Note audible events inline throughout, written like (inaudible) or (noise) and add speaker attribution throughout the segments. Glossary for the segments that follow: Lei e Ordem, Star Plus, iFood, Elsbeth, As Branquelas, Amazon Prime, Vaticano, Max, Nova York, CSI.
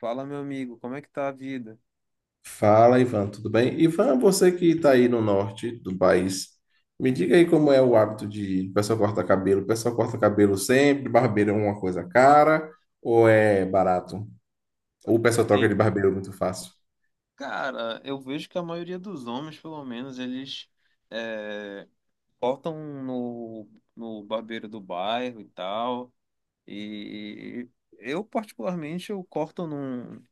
Speaker 1: Fala, meu amigo, como é que tá a vida?
Speaker 2: Fala, Ivan, tudo bem? Ivan, você que está aí no norte do país, me diga aí como é o hábito de o pessoal corta cabelo. O pessoal corta cabelo sempre, barbeiro é uma coisa cara ou é barato? Ou o
Speaker 1: Cara,
Speaker 2: pessoal troca de
Speaker 1: tem.
Speaker 2: barbeiro muito fácil?
Speaker 1: Cara, eu vejo que a maioria dos homens, pelo menos, eles é, cortam no, no barbeiro do bairro e tal. E eu, particularmente, eu corto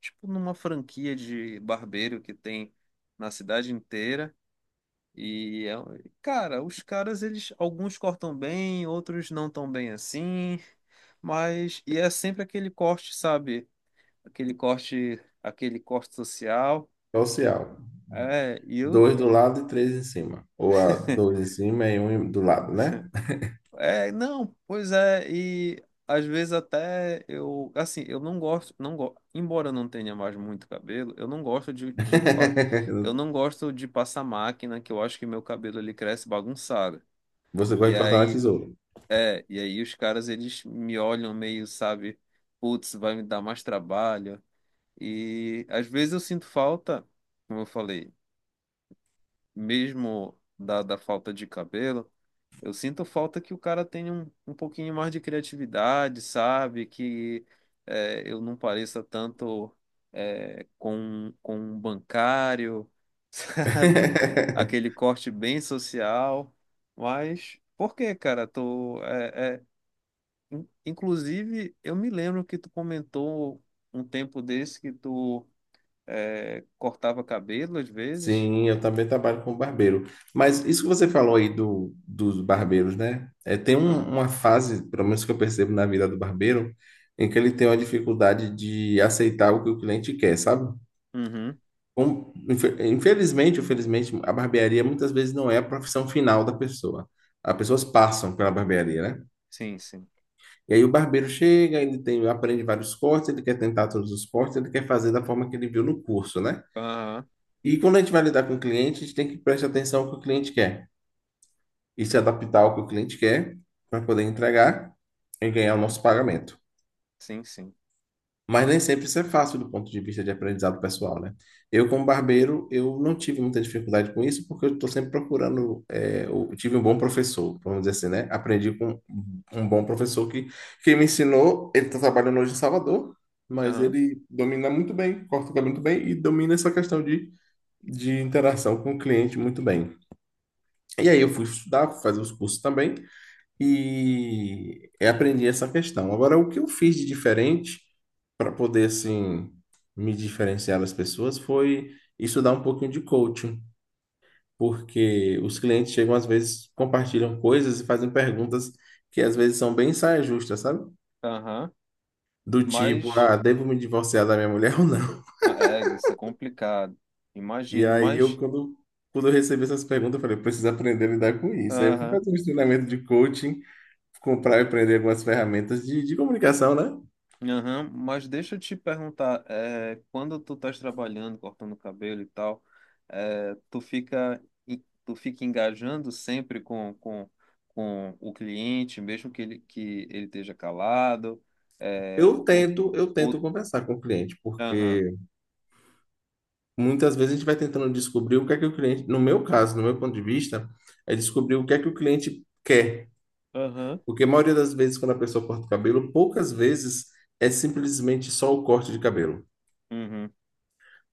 Speaker 1: tipo, numa franquia de barbeiro que tem na cidade inteira. E, cara, os caras, eles, alguns cortam bem, outros não tão bem assim. Mas, e é sempre aquele corte, sabe? Aquele corte, aquele corte social.
Speaker 2: Social.
Speaker 1: É, e eu.
Speaker 2: Dois do lado e três em cima. Ou a dois em
Speaker 1: (laughs)
Speaker 2: cima e um do lado, né?
Speaker 1: É, não, pois é, e às vezes até eu, assim, eu não gosto, embora eu não tenha mais muito cabelo, eu não gosto eu
Speaker 2: (laughs)
Speaker 1: não gosto de passar máquina, que eu acho que meu cabelo ele cresce bagunçado.
Speaker 2: Você gosta
Speaker 1: E
Speaker 2: de cortar na
Speaker 1: aí,
Speaker 2: tesoura.
Speaker 1: e aí, os caras eles me olham meio, sabe, putz, vai me dar mais trabalho. E às vezes eu sinto falta, como eu falei, mesmo da falta de cabelo, eu sinto falta que o cara tenha um pouquinho mais de criatividade, sabe? Que eu não pareça tanto com um bancário, (laughs) sabe?
Speaker 2: (laughs)
Speaker 1: Aquele corte bem social. Mas por que, cara? Tô, é, é, in- inclusive, eu me lembro que tu comentou um tempo desse que tu cortava cabelo às vezes.
Speaker 2: Sim, eu também trabalho como barbeiro. Mas isso que você falou aí do, dos barbeiros, né? É, tem
Speaker 1: Ah,
Speaker 2: uma fase, pelo menos que eu percebo na vida do barbeiro, em que ele tem uma dificuldade de aceitar o que o cliente quer, sabe?
Speaker 1: uhum.
Speaker 2: Infelizmente, ou felizmente, a barbearia muitas vezes não é a profissão final da pessoa. As pessoas passam pela barbearia, né?
Speaker 1: Sim, sim.
Speaker 2: E aí o barbeiro chega, ele tem, aprende vários cortes, ele quer tentar todos os cortes, ele quer fazer da forma que ele viu no curso, né?
Speaker 1: Aham.
Speaker 2: E quando a gente vai lidar com o cliente, a gente tem que prestar atenção no que o cliente quer, e se adaptar ao que o cliente quer para poder entregar e ganhar o
Speaker 1: Uhum.
Speaker 2: nosso pagamento.
Speaker 1: Sim, sim.
Speaker 2: Mas nem sempre isso é fácil do ponto de vista de aprendizado pessoal, né? Eu, como barbeiro, eu não tive muita dificuldade com isso, porque eu estou sempre procurando. É, eu tive um bom professor, vamos dizer assim, né? Aprendi com um bom professor que me ensinou. Ele está trabalhando hoje em Salvador, mas
Speaker 1: Aham.
Speaker 2: ele domina muito bem, corta o cabelo muito bem e domina essa questão de, interação com o cliente muito bem. E aí eu fui estudar, fui fazer os cursos também, e aprendi essa questão. Agora, o que eu fiz de diferente para poder assim me diferenciar das pessoas foi estudar um pouquinho de coaching, porque os clientes chegam às vezes compartilham coisas e fazem perguntas que às vezes são bem saia justa, sabe?
Speaker 1: Aham.
Speaker 2: Do tipo:
Speaker 1: Mas
Speaker 2: ah, devo me divorciar da minha mulher (laughs) ou não?
Speaker 1: isso é complicado.
Speaker 2: E
Speaker 1: Imagino,
Speaker 2: aí eu
Speaker 1: mas.
Speaker 2: quando quando eu recebi essas perguntas, eu falei: preciso aprender a lidar com isso. Aí eu fui
Speaker 1: Aham.
Speaker 2: fazer um treinamento de coaching, comprar e aprender algumas ferramentas de comunicação, né?
Speaker 1: Aham. Mas deixa eu te perguntar, é, quando tu estás trabalhando, cortando cabelo e tal, tu fica engajando sempre com o cliente, mesmo que ele esteja calado, é,
Speaker 2: Eu
Speaker 1: o,
Speaker 2: tento, eu
Speaker 1: o,
Speaker 2: tento
Speaker 1: o-
Speaker 2: conversar com o cliente,
Speaker 1: aham.
Speaker 2: porque muitas vezes a gente vai tentando descobrir o que é que o cliente, no meu caso, no meu ponto de vista, é descobrir o que é que o cliente quer.
Speaker 1: Aham.
Speaker 2: Porque a maioria das vezes, quando a pessoa corta o cabelo, poucas vezes é simplesmente só o corte de cabelo.
Speaker 1: Uhum.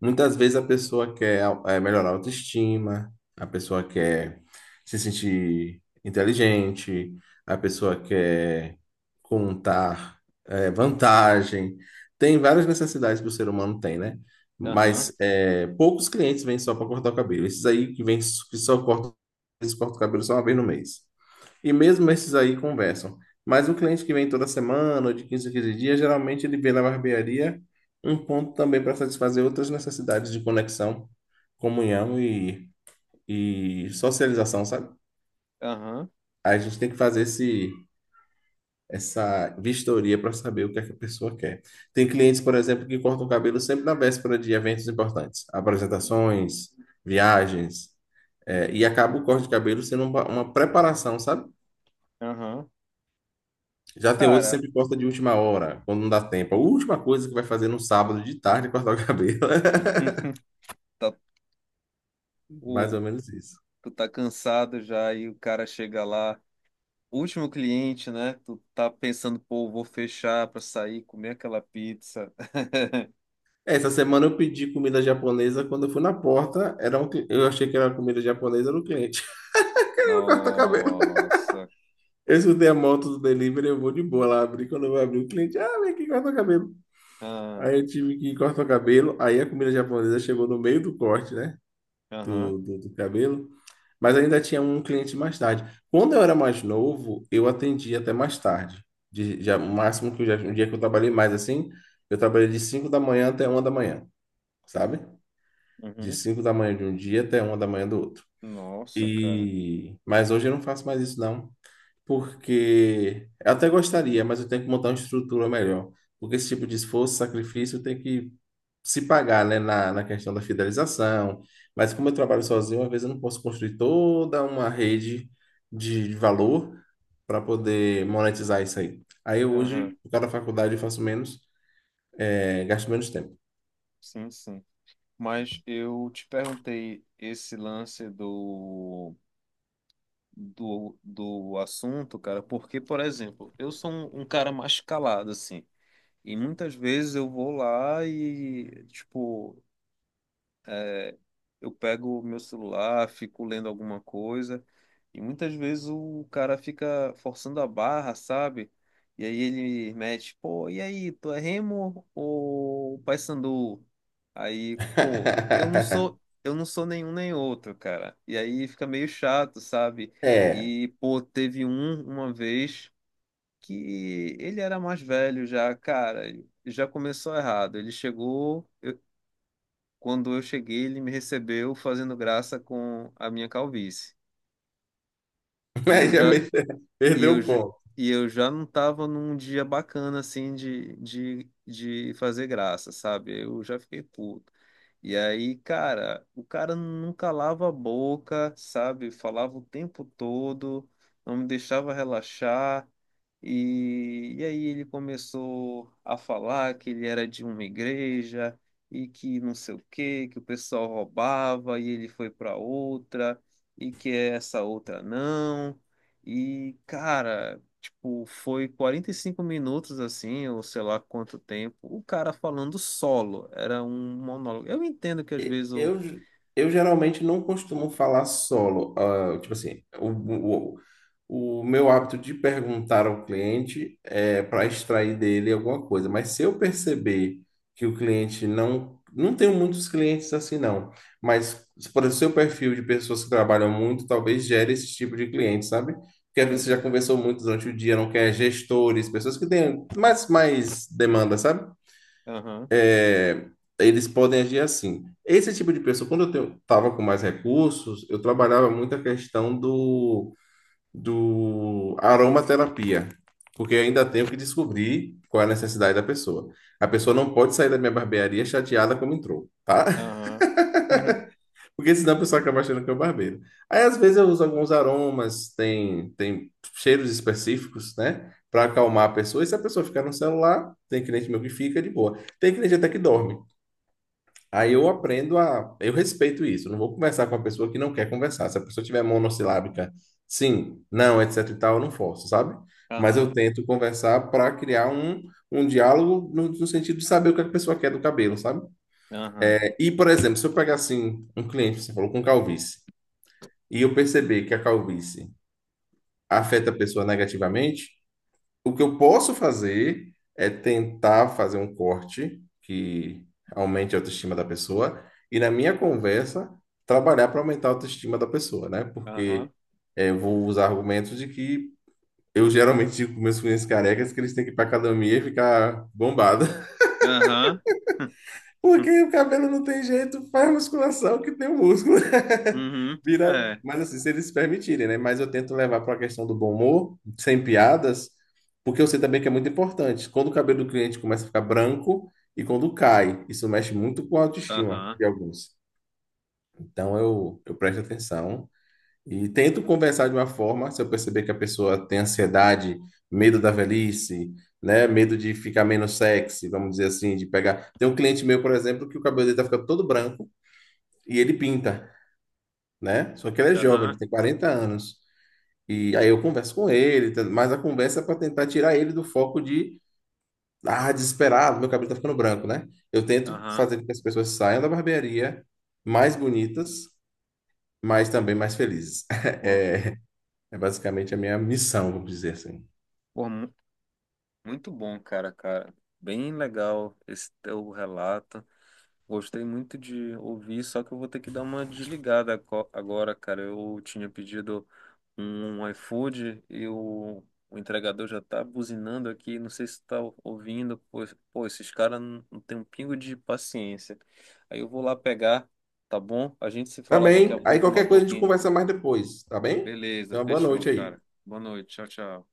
Speaker 2: Muitas vezes a pessoa quer melhorar a autoestima, a pessoa quer se sentir inteligente, a pessoa quer contar vantagem. Tem várias necessidades que o ser humano tem, né?
Speaker 1: Aham.
Speaker 2: Mas poucos clientes vêm só para cortar o cabelo. Esses aí que vêm que só cortam, eles cortam o cabelo só uma vez no mês. E mesmo esses aí conversam. Mas o cliente que vem toda semana, ou de 15 a 15 dias, geralmente ele vê na barbearia um ponto também para satisfazer outras necessidades de conexão, comunhão e socialização, sabe?
Speaker 1: Aham.
Speaker 2: A gente tem que fazer esse, essa vistoria para saber o que é que a pessoa quer. Tem clientes, por exemplo, que cortam o cabelo sempre na véspera de eventos importantes, apresentações, viagens, e acaba o corte de cabelo sendo uma preparação, sabe?
Speaker 1: Aham.
Speaker 2: Já tem outros que
Speaker 1: Cara,
Speaker 2: sempre posta de última hora, quando não dá tempo. A última coisa que vai fazer no sábado de tarde é cortar o cabelo.
Speaker 1: (laughs) tá,
Speaker 2: (laughs) Mais ou
Speaker 1: o,
Speaker 2: menos isso.
Speaker 1: tu tá cansado já e o cara chega lá, último cliente, né? Tu tá pensando, pô, vou fechar pra sair, comer aquela pizza. (laughs)
Speaker 2: É, essa semana eu pedi comida japonesa. Quando eu fui na porta, era eu achei que era comida japonesa, era o cliente. (laughs) Corta cabelo.
Speaker 1: Nossa.
Speaker 2: Eu escutei a moto do delivery, eu vou de boa lá abrir. Quando eu vou abrir, o cliente: ah, vem aqui, corta cabelo.
Speaker 1: Ah,
Speaker 2: Aí eu tive que cortar o cabelo. Aí a comida japonesa chegou no meio do corte, né?
Speaker 1: Aham.
Speaker 2: Do cabelo. Mas ainda tinha um cliente mais tarde. Quando eu era mais novo, eu atendia até mais tarde. De- já, o máximo que eu já, um dia que eu trabalhei mais assim, eu trabalhei de 5 da manhã até 1 da manhã, sabe? De
Speaker 1: Uhum.
Speaker 2: 5 da manhã de um dia até 1 da manhã do outro.
Speaker 1: Nossa, cara.
Speaker 2: E mas hoje eu não faço mais isso não, porque eu até gostaria, mas eu tenho que montar uma estrutura melhor. Porque esse tipo de esforço, sacrifício, tem que se pagar, né, na questão da fidelização. Mas como eu trabalho sozinho, às vezes eu não posso construir toda uma rede de valor para poder monetizar isso aí. Aí eu
Speaker 1: Aham.
Speaker 2: hoje, por causa da faculdade, eu faço menos, gasto menos tempo.
Speaker 1: Sim, sim. Mas eu te perguntei esse lance do assunto, cara, porque, por exemplo, eu sou um cara mais calado, assim. E muitas vezes eu vou lá e, tipo, é, eu pego o meu celular, fico lendo alguma coisa, e muitas vezes o cara fica forçando a barra, sabe? E aí ele mete, pô, e aí, tu é Remo ou Paysandu? Aí, pô,
Speaker 2: (laughs)
Speaker 1: eu não sou nenhum nem outro, cara. E aí fica meio chato, sabe?
Speaker 2: É,
Speaker 1: E, pô, teve um uma vez que ele era mais velho já, cara, já começou errado. Quando eu cheguei, ele me recebeu fazendo graça com a minha calvície.
Speaker 2: (laughs)
Speaker 1: E eu
Speaker 2: mas já
Speaker 1: já,
Speaker 2: me- (laughs)
Speaker 1: e
Speaker 2: perdeu
Speaker 1: eu,
Speaker 2: o
Speaker 1: ju-
Speaker 2: ponto.
Speaker 1: e eu já não tava num dia bacana assim de fazer graça, sabe? Eu já fiquei puto. E aí, cara, o cara não calava a boca, sabe? Falava o tempo todo, não me deixava relaxar. E aí ele começou a falar que ele era de uma igreja e que não sei o quê, que o pessoal roubava e ele foi para outra e que essa outra não. E, cara, tipo, foi 45 minutos assim, ou sei lá quanto tempo, o cara falando solo. Era um monólogo. Eu entendo que às vezes o.
Speaker 2: Eu, eu geralmente não costumo falar solo. Ah, tipo assim, o meu hábito de perguntar ao cliente é para extrair dele alguma coisa. Mas se eu perceber que o cliente não. Não tenho muitos clientes assim, não. Mas, por exemplo, seu perfil de pessoas que trabalham muito, talvez gere esse tipo de cliente, sabe? Porque às vezes você já
Speaker 1: Uhum.
Speaker 2: conversou muito durante o dia, não quer gestores, pessoas que têm mais, demanda, sabe?
Speaker 1: Aham,
Speaker 2: É, eles podem agir assim. Esse tipo de pessoa, quando eu estava com mais recursos, eu trabalhava muito a questão do aromaterapia, porque eu ainda tenho que descobrir qual é a necessidade da pessoa. A pessoa não pode sair da minha barbearia chateada como entrou, tá? (laughs)
Speaker 1: aham. (laughs)
Speaker 2: Porque senão a pessoa acaba achando que é um barbeiro. Aí, às vezes, eu uso alguns aromas, tem cheiros específicos, né? Para acalmar a pessoa. E se a pessoa ficar no celular, tem cliente meu que fica de boa. Tem cliente até que dorme. Aí
Speaker 1: Uhum.
Speaker 2: eu aprendo a. Eu respeito isso. Não vou conversar com a pessoa que não quer conversar. Se a pessoa tiver monossilábica, sim, não, etc e tal, eu não forço, sabe? Mas eu
Speaker 1: Aham,
Speaker 2: tento conversar para criar um, diálogo no sentido de saber o que a pessoa quer do cabelo, sabe?
Speaker 1: aham,
Speaker 2: É, e, por exemplo, se eu pegar assim um cliente, você falou com calvície, e eu perceber que a calvície afeta a pessoa negativamente, o que eu posso fazer é tentar fazer um corte que aumente a autoestima da pessoa, e na minha conversa trabalhar para aumentar a autoestima da pessoa, né? Porque
Speaker 1: aham.
Speaker 2: eu vou usar argumentos de que eu geralmente digo para meus clientes carecas que eles têm que ir para academia e ficar bombado,
Speaker 1: Aham. (laughs) Hum,
Speaker 2: porque o cabelo não tem jeito, faz musculação que tem o músculo.
Speaker 1: uhum.
Speaker 2: (laughs) Vira,
Speaker 1: É.
Speaker 2: mas assim, se eles se permitirem, né? Mas eu tento levar para a questão do bom humor, sem piadas, porque eu sei também que é muito importante. Quando o cabelo do cliente começa a ficar branco e quando cai, isso mexe muito com a autoestima
Speaker 1: Aham.
Speaker 2: de alguns. Então eu presto atenção e tento conversar de uma forma, se eu perceber que a pessoa tem ansiedade, medo da velhice, né? Medo de ficar menos sexy, vamos dizer assim, de pegar. Tem um cliente meu, por exemplo, que o cabelo dele tá ficando todo branco e ele pinta, né? Só que ele é jovem, ele
Speaker 1: Aham.
Speaker 2: tem 40 anos. E aí eu converso com ele, mas a conversa é para tentar tirar ele do foco de: ah, desesperado, meu cabelo tá ficando branco, né? Eu tento
Speaker 1: Aham.
Speaker 2: fazer com que as pessoas saiam da barbearia mais bonitas, mas também mais felizes.
Speaker 1: Pô,
Speaker 2: (laughs) É basicamente a minha missão, vamos dizer assim.
Speaker 1: pô, muito bom, cara, cara. Bem legal esse teu relato. Gostei muito de ouvir, só que eu vou ter que dar uma desligada agora, cara. Eu tinha pedido um iFood e o entregador já tá buzinando aqui. Não sei se tá ouvindo. Pô, esses caras não tem um pingo de paciência. Aí eu vou lá pegar, tá bom? A gente se
Speaker 2: Tá
Speaker 1: fala daqui a
Speaker 2: bem? Aí
Speaker 1: pouco, mais um
Speaker 2: qualquer coisa a gente
Speaker 1: pouquinho.
Speaker 2: conversa mais depois, tá bem?
Speaker 1: Beleza,
Speaker 2: Então, boa
Speaker 1: fechou,
Speaker 2: noite aí.
Speaker 1: cara. Boa noite. Tchau, tchau.